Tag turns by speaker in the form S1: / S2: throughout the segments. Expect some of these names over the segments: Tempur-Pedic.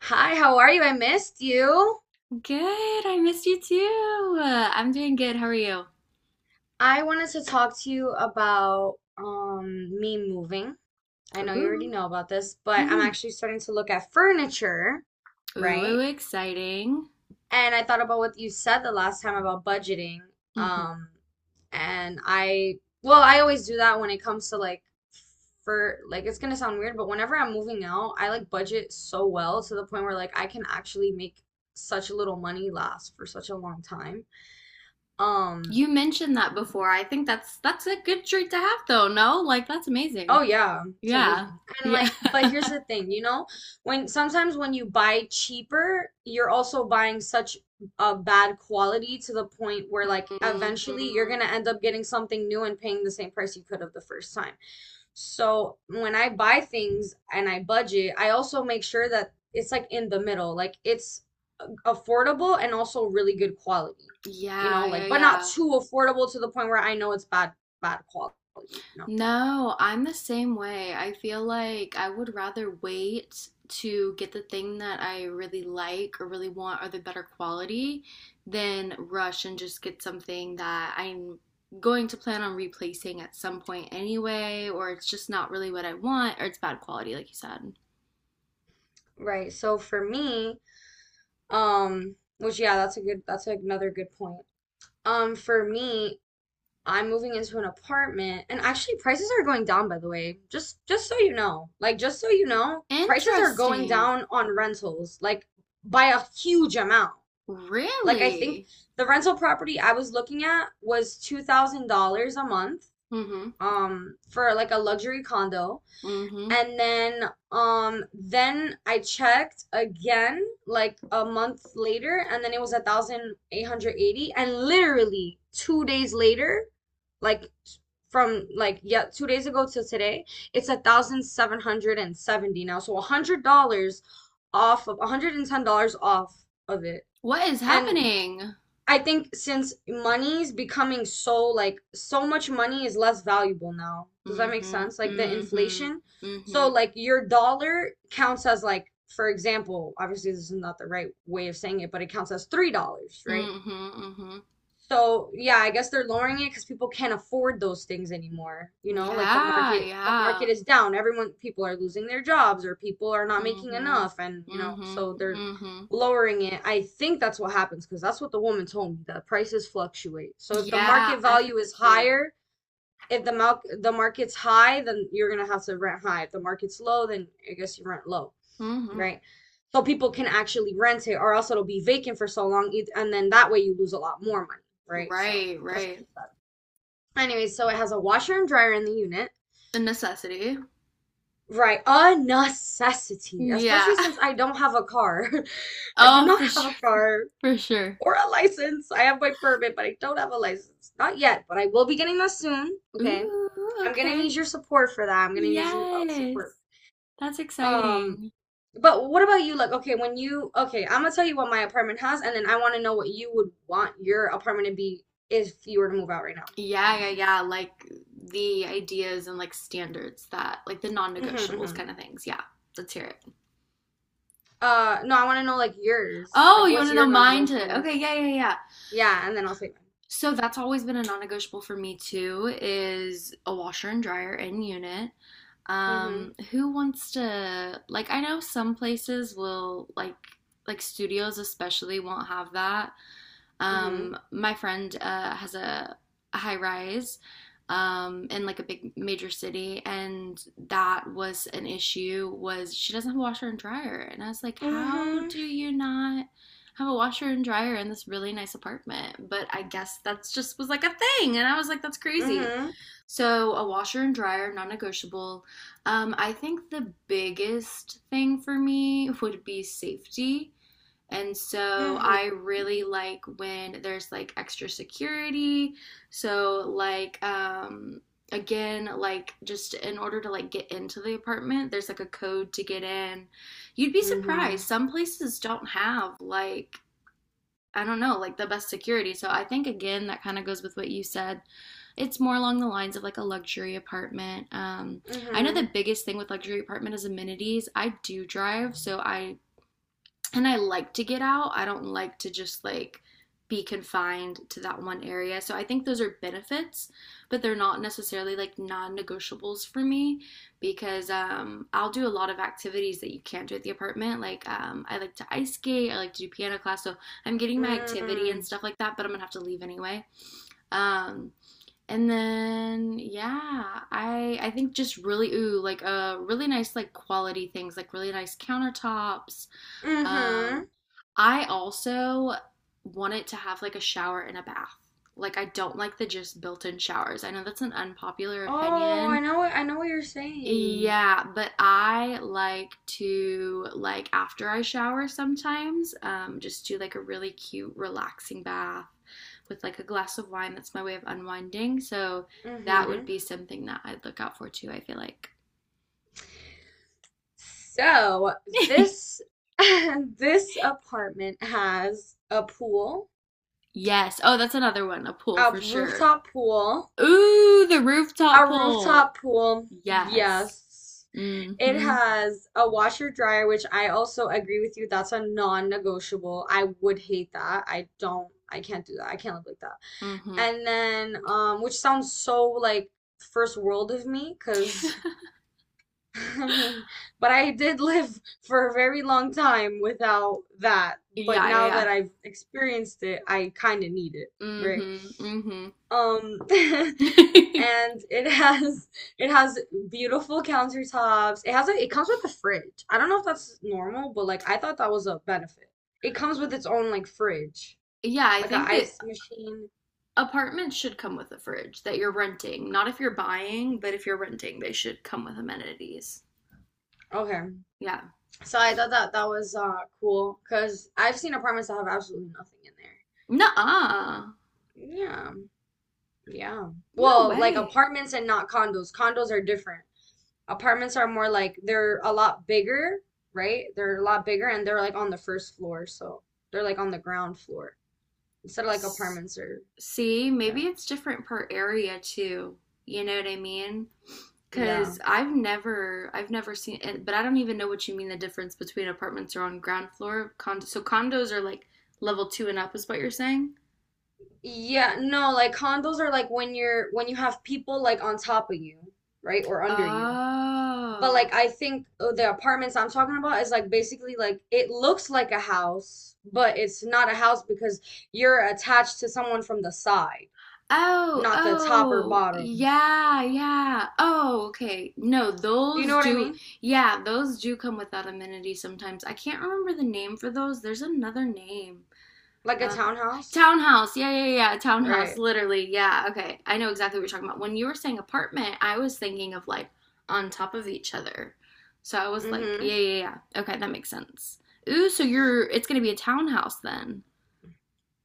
S1: Hi, how are you? I missed you.
S2: Good. I missed you too. I'm doing good. How are you?
S1: I wanted to talk to you about me moving. I know you already
S2: Ooh.
S1: know about this, but I'm
S2: Mm-hmm.
S1: actually starting to look at furniture,
S2: Ooh,
S1: right?
S2: exciting.
S1: And I thought about what you said the last time about budgeting.
S2: Mm-hmm.
S1: Um, and I, well, I always do that when it comes to like for like it's gonna sound weird, but whenever I'm moving out, I like budget so well to the point where like I can actually make such little money last for such a long time. Um
S2: You mentioned that before. I think that's a good treat to have though, no? Like that's
S1: Oh
S2: amazing.
S1: yeah, it's
S2: Yeah.
S1: amazing. And
S2: Yeah.
S1: like, but here's the thing, when sometimes when you buy cheaper, you're also buying such a bad quality to the point where like eventually you're
S2: Hmm.
S1: gonna end up getting something new and paying the same price you could have the first time. So when I buy things and I budget, I also make sure that it's like in the middle, like it's affordable and also really good quality, you
S2: Yeah,
S1: know,
S2: yeah,
S1: like but not
S2: yeah.
S1: too affordable to the point where I know it's bad quality, you know.
S2: No, I'm the same way. I feel like I would rather wait to get the thing that I really like or really want or the better quality than rush and just get something that I'm going to plan on replacing at some point anyway, or it's just not really what I want or it's bad quality, like you said.
S1: Right. So for me, which yeah, that's a good that's another good point. For me, I'm moving into an apartment and actually prices are going down by the way. Just so you know. Like just so you know, prices are going
S2: Interesting.
S1: down on rentals like by a huge amount. Like I think
S2: Really?
S1: the rental property I was looking at was $2,000 a month
S2: Mm-hmm.
S1: for like a luxury condo.
S2: Mm-hmm.
S1: And then I checked again like a month later and then it was 1,880 and literally 2 days later, like from like yeah, 2 days ago to today, it's 1,770 now. So $100 off of $110 off of it.
S2: What is
S1: And
S2: happening?
S1: I think since money is becoming so like so much money is less valuable now. Does that make
S2: Mm-hmm.
S1: sense?
S2: Mm-hmm.
S1: Like the
S2: Mm-hmm.
S1: inflation.
S2: Mm-hmm.
S1: So like your dollar counts as like for example, obviously this is not the right way of saying it, but it counts as $3, right?
S2: Mm-hmm.
S1: So yeah, I guess they're lowering it because people can't afford those things anymore. You know, like the
S2: Yeah,
S1: market, the market
S2: yeah.
S1: is down. Everyone, people are losing their jobs or people are not making
S2: Mm-hmm.
S1: enough, and you know,
S2: Mm-hmm.
S1: so they're
S2: Mm-hmm.
S1: lowering it. I think that's what happens because that's what the woman told me. The prices fluctuate. So if the
S2: Yeah,
S1: market
S2: I've heard
S1: value
S2: that
S1: is
S2: too.
S1: higher, if the mal the market's high, then you're gonna have to rent high. If the market's low, then I guess you rent low,
S2: Mm-hmm.
S1: right? So people can actually rent it, or else it'll be vacant for so long, and then that way you lose a lot more money, right? So
S2: Right,
S1: that's what she
S2: right.
S1: said. Anyways, so it has a washer and dryer in the unit.
S2: The necessity.
S1: Right, a necessity,
S2: Yeah.
S1: especially since I don't have a car. I do
S2: Oh,
S1: not
S2: for
S1: have
S2: sure,
S1: a car
S2: for sure.
S1: or a license. I have my permit, but I don't have a license. Not yet, but I will be getting that soon. Okay.
S2: Ooh,
S1: I'm gonna need
S2: okay.
S1: your support for that. I'm gonna need your
S2: Yes.
S1: support.
S2: That's
S1: Um,
S2: exciting.
S1: But what about you? Like, okay, okay, I'm gonna tell you what my apartment has, and then I want to know what you would want your apartment to be if you were to move out right now.
S2: Yeah, yeah, yeah. Like the ideas and like standards that like the
S1: hmm
S2: non-negotiables
S1: hmm
S2: kind of things. Yeah. Let's hear it.
S1: No, I want to know like yours.
S2: Oh,
S1: Like,
S2: you want
S1: what's
S2: to know
S1: your
S2: mine too?
S1: non-negotiables?
S2: Okay, yeah, yeah, yeah.
S1: Yeah, and then I'll say
S2: So that's always been a non-negotiable for me too is a washer and dryer in unit.
S1: mine.
S2: Who wants to like I know some places will like studios especially won't have that.
S1: hmm hmm
S2: My friend has a high rise in like a big major city, and that was an issue. Was she doesn't have a washer and dryer, and I was like, how
S1: hmm
S2: do you not have a washer and dryer in this really nice apartment? But I guess that's just was like a thing. And I was like, that's crazy.
S1: hmm
S2: So a washer and dryer, non negotiable. I think the biggest thing for me would be safety. And so
S1: hmm
S2: I really like when there's like extra security. So like again like just in order to like get into the apartment, there's like a code to get in. You'd be
S1: Mm-hmm.
S2: surprised. Some places don't have like I don't know, like the best security. So I think again that kind of goes with what you said. It's more along the lines of like a luxury apartment. I know the
S1: Mm-hmm.
S2: biggest thing with luxury apartment is amenities. I do drive, so I and I like to get out. I don't like to just like be confined to that one area. So I think those are benefits, but they're not necessarily like non-negotiables for me because I'll do a lot of activities that you can't do at the apartment. Like I like to ice skate, I like to do piano class, so I'm getting my activity
S1: Mm-hmm.
S2: and stuff like that. But I'm gonna have to leave anyway. Um, and then yeah, I think just really ooh like really nice like quality things like really nice countertops, um,
S1: Mm-hmm.
S2: I also want it to have like a shower and a bath. Like I don't like the just built-in showers. I know that's an unpopular
S1: Oh,
S2: opinion.
S1: I know what you're saying.
S2: Yeah, but I like to like after I shower sometimes, just do like a really cute relaxing bath with like a glass of wine. That's my way of unwinding. So that would
S1: Mm-hmm.
S2: be something that I'd look out for too, I feel like.
S1: So this this apartment has a pool,
S2: Yes. Oh, that's another one, a pool
S1: a
S2: for sure.
S1: rooftop pool,
S2: Ooh, the
S1: a
S2: rooftop pole.
S1: rooftop pool.
S2: Yes.
S1: Yes. It
S2: Mm-hmm.
S1: has a washer dryer, which I also agree with you. That's a non-negotiable. I would hate that. I can't do that. I can't live like that.
S2: Mm-hmm.
S1: And then, which sounds so like first world of me, because I mean, but I did live for a very long time without that. But
S2: Yeah, yeah,
S1: now that
S2: yeah.
S1: I've experienced it, I kind of need it, right?
S2: Mm-hmm.
S1: And
S2: Mm-hmm.
S1: it has beautiful countertops. It has a it comes with a fridge. I don't know if that's normal, but like I thought that was a benefit. It comes with its own like fridge,
S2: Yeah, I
S1: like a
S2: think that
S1: ice machine.
S2: apartments should come with a fridge that you're renting. Not if you're buying, but if you're renting, they should come with amenities.
S1: Okay.
S2: Yeah.
S1: So I thought that that was cool because I've seen apartments that have absolutely nothing in
S2: Nuh-uh.
S1: there. Yeah, Yeah.
S2: No
S1: Well, like
S2: way.
S1: apartments and not condos. Condos are different. Apartments are more like they're a lot bigger, right? They're a lot bigger and they're like on the first floor, so they're like on the ground floor. Instead of like
S2: S-
S1: apartments are
S2: See, maybe
S1: yeah.
S2: it's different per area too. You know what I mean?
S1: Yeah.
S2: Because I've never seen it, but I don't even know what you mean the difference between apartments are on ground floor. Condo, so condos are like level two and up, is what you're saying?
S1: Yeah, no, like condos are like when you have people like on top of you, right? Or under you. But
S2: Oh.
S1: like I think the apartments I'm talking about is like basically like it looks like a house, but it's not a house because you're attached to someone from the side,
S2: Oh,
S1: not the top or
S2: oh,
S1: bottom.
S2: yeah, yeah. Oh, okay. No,
S1: Do you know
S2: those
S1: what I
S2: do,
S1: mean?
S2: yeah, those do come without amenities sometimes. I can't remember the name for those. There's another name.
S1: Like a
S2: Oh,
S1: townhouse?
S2: townhouse. Yeah, yeah, yeah. Townhouse.
S1: Right.
S2: Literally. Yeah. Okay. I know exactly what you're talking about. When you were saying apartment, I was thinking of like on top of each other. So I was like, yeah,
S1: Mm-hmm.
S2: yeah, yeah. Okay, that makes sense. Ooh, so you're it's gonna be a townhouse then.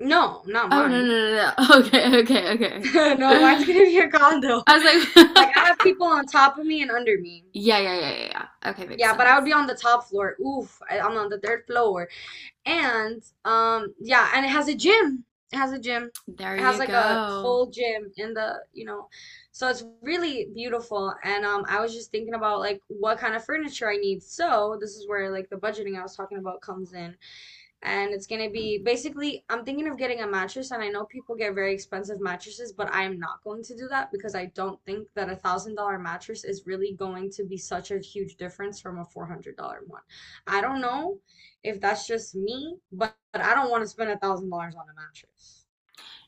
S1: No, not
S2: Oh no no
S1: mine.
S2: no no. Okay, okay, okay.
S1: No, mine's gonna be a condo.
S2: I was
S1: Like
S2: like,
S1: I have people on top of me and under me.
S2: yeah, yeah, yeah, yeah, yeah. Okay, makes
S1: Yeah, but I would
S2: sense.
S1: be on the top floor. Oof, I'm on the 3rd floor. And yeah, and it has a gym.
S2: There
S1: It has
S2: you
S1: like a
S2: go.
S1: full gym in the, you know. So it's really beautiful. And I was just thinking about like what kind of furniture I need. So this is where like the budgeting I was talking about comes in and it's gonna be basically I'm thinking of getting a mattress and I know people get very expensive mattresses, but I am not going to do that because I don't think that $1,000 mattress is really going to be such a huge difference from a $400 one. I don't know if that's just me, but I don't want to spend $1,000 on a mattress.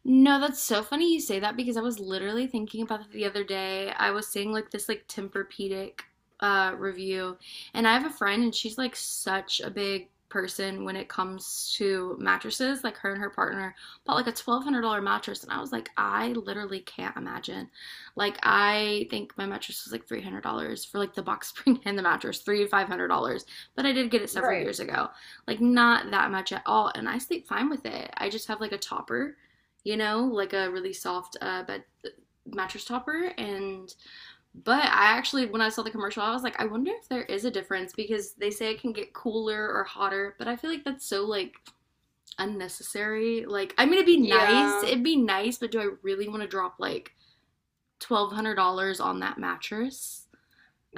S2: No, that's so funny you say that because I was literally thinking about it the other day. I was seeing like this like Tempur-Pedic review, and I have a friend and she's like such a big person when it comes to mattresses. Like her and her partner bought like a $1,200 mattress and I was like, I literally can't imagine. Like I think my mattress was like $300 for like the box spring and the mattress, three to $500. But I did get it several
S1: Right.
S2: years ago. Like not that much at all and I sleep fine with it. I just have like a topper, like a really soft bed mattress topper. And but I actually, when I saw the commercial, I was like, I wonder if there is a difference because they say it can get cooler or hotter, but I feel like that's so like unnecessary. Like, I mean,
S1: Yeah.
S2: it'd be nice, but do I really want to drop like $1,200 on that mattress?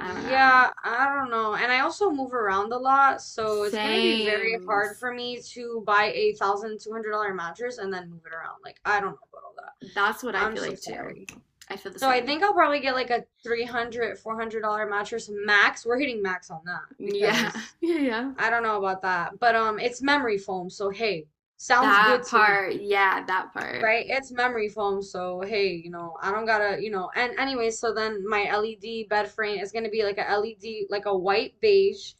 S2: I don't know.
S1: I don't know. And I also move around a lot, so it's gonna be very
S2: Same.
S1: hard for me to buy $1,200 mattress and then move it around. Like I don't know about all that.
S2: That's what I
S1: I'm
S2: feel
S1: so
S2: like too.
S1: sorry.
S2: I feel the
S1: So I
S2: same.
S1: think I'll probably get like a 300, $400 mattress max. We're hitting max on that
S2: Yeah.
S1: because
S2: Yeah, yeah.
S1: I don't know about that. But it's memory foam, so hey, sounds good
S2: That
S1: to me,
S2: part. Yeah, that part.
S1: right? It's memory foam, so hey, you know, I don't gotta, you know. And anyway, so then my LED bed frame is gonna be like a LED, like a white beige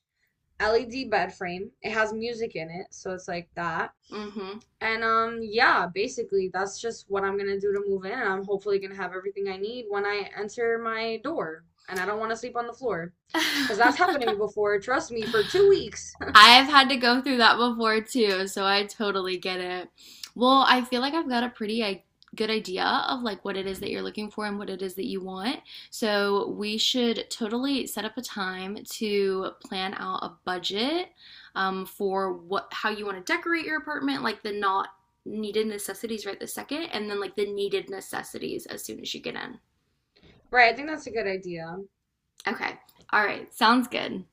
S1: LED bed frame. It has music in it, so it's like that.
S2: Mm hmm.
S1: And yeah, basically that's just what I'm gonna do to move in and I'm hopefully gonna have everything I need when I enter my door. And I don't want to sleep on the floor because that's happened to me before. Trust me, for 2 weeks.
S2: I've had to go through that before too, so I totally get it. Well, I feel like I've got a pretty good idea of like what it is that you're looking for and what it is that you want. So we should totally set up a time to plan out a budget, for what how you want to decorate your apartment, like the not needed necessities right this second, and then like the needed necessities as soon as you get in.
S1: Right, I think that's a good idea.
S2: Okay. All right. Sounds good.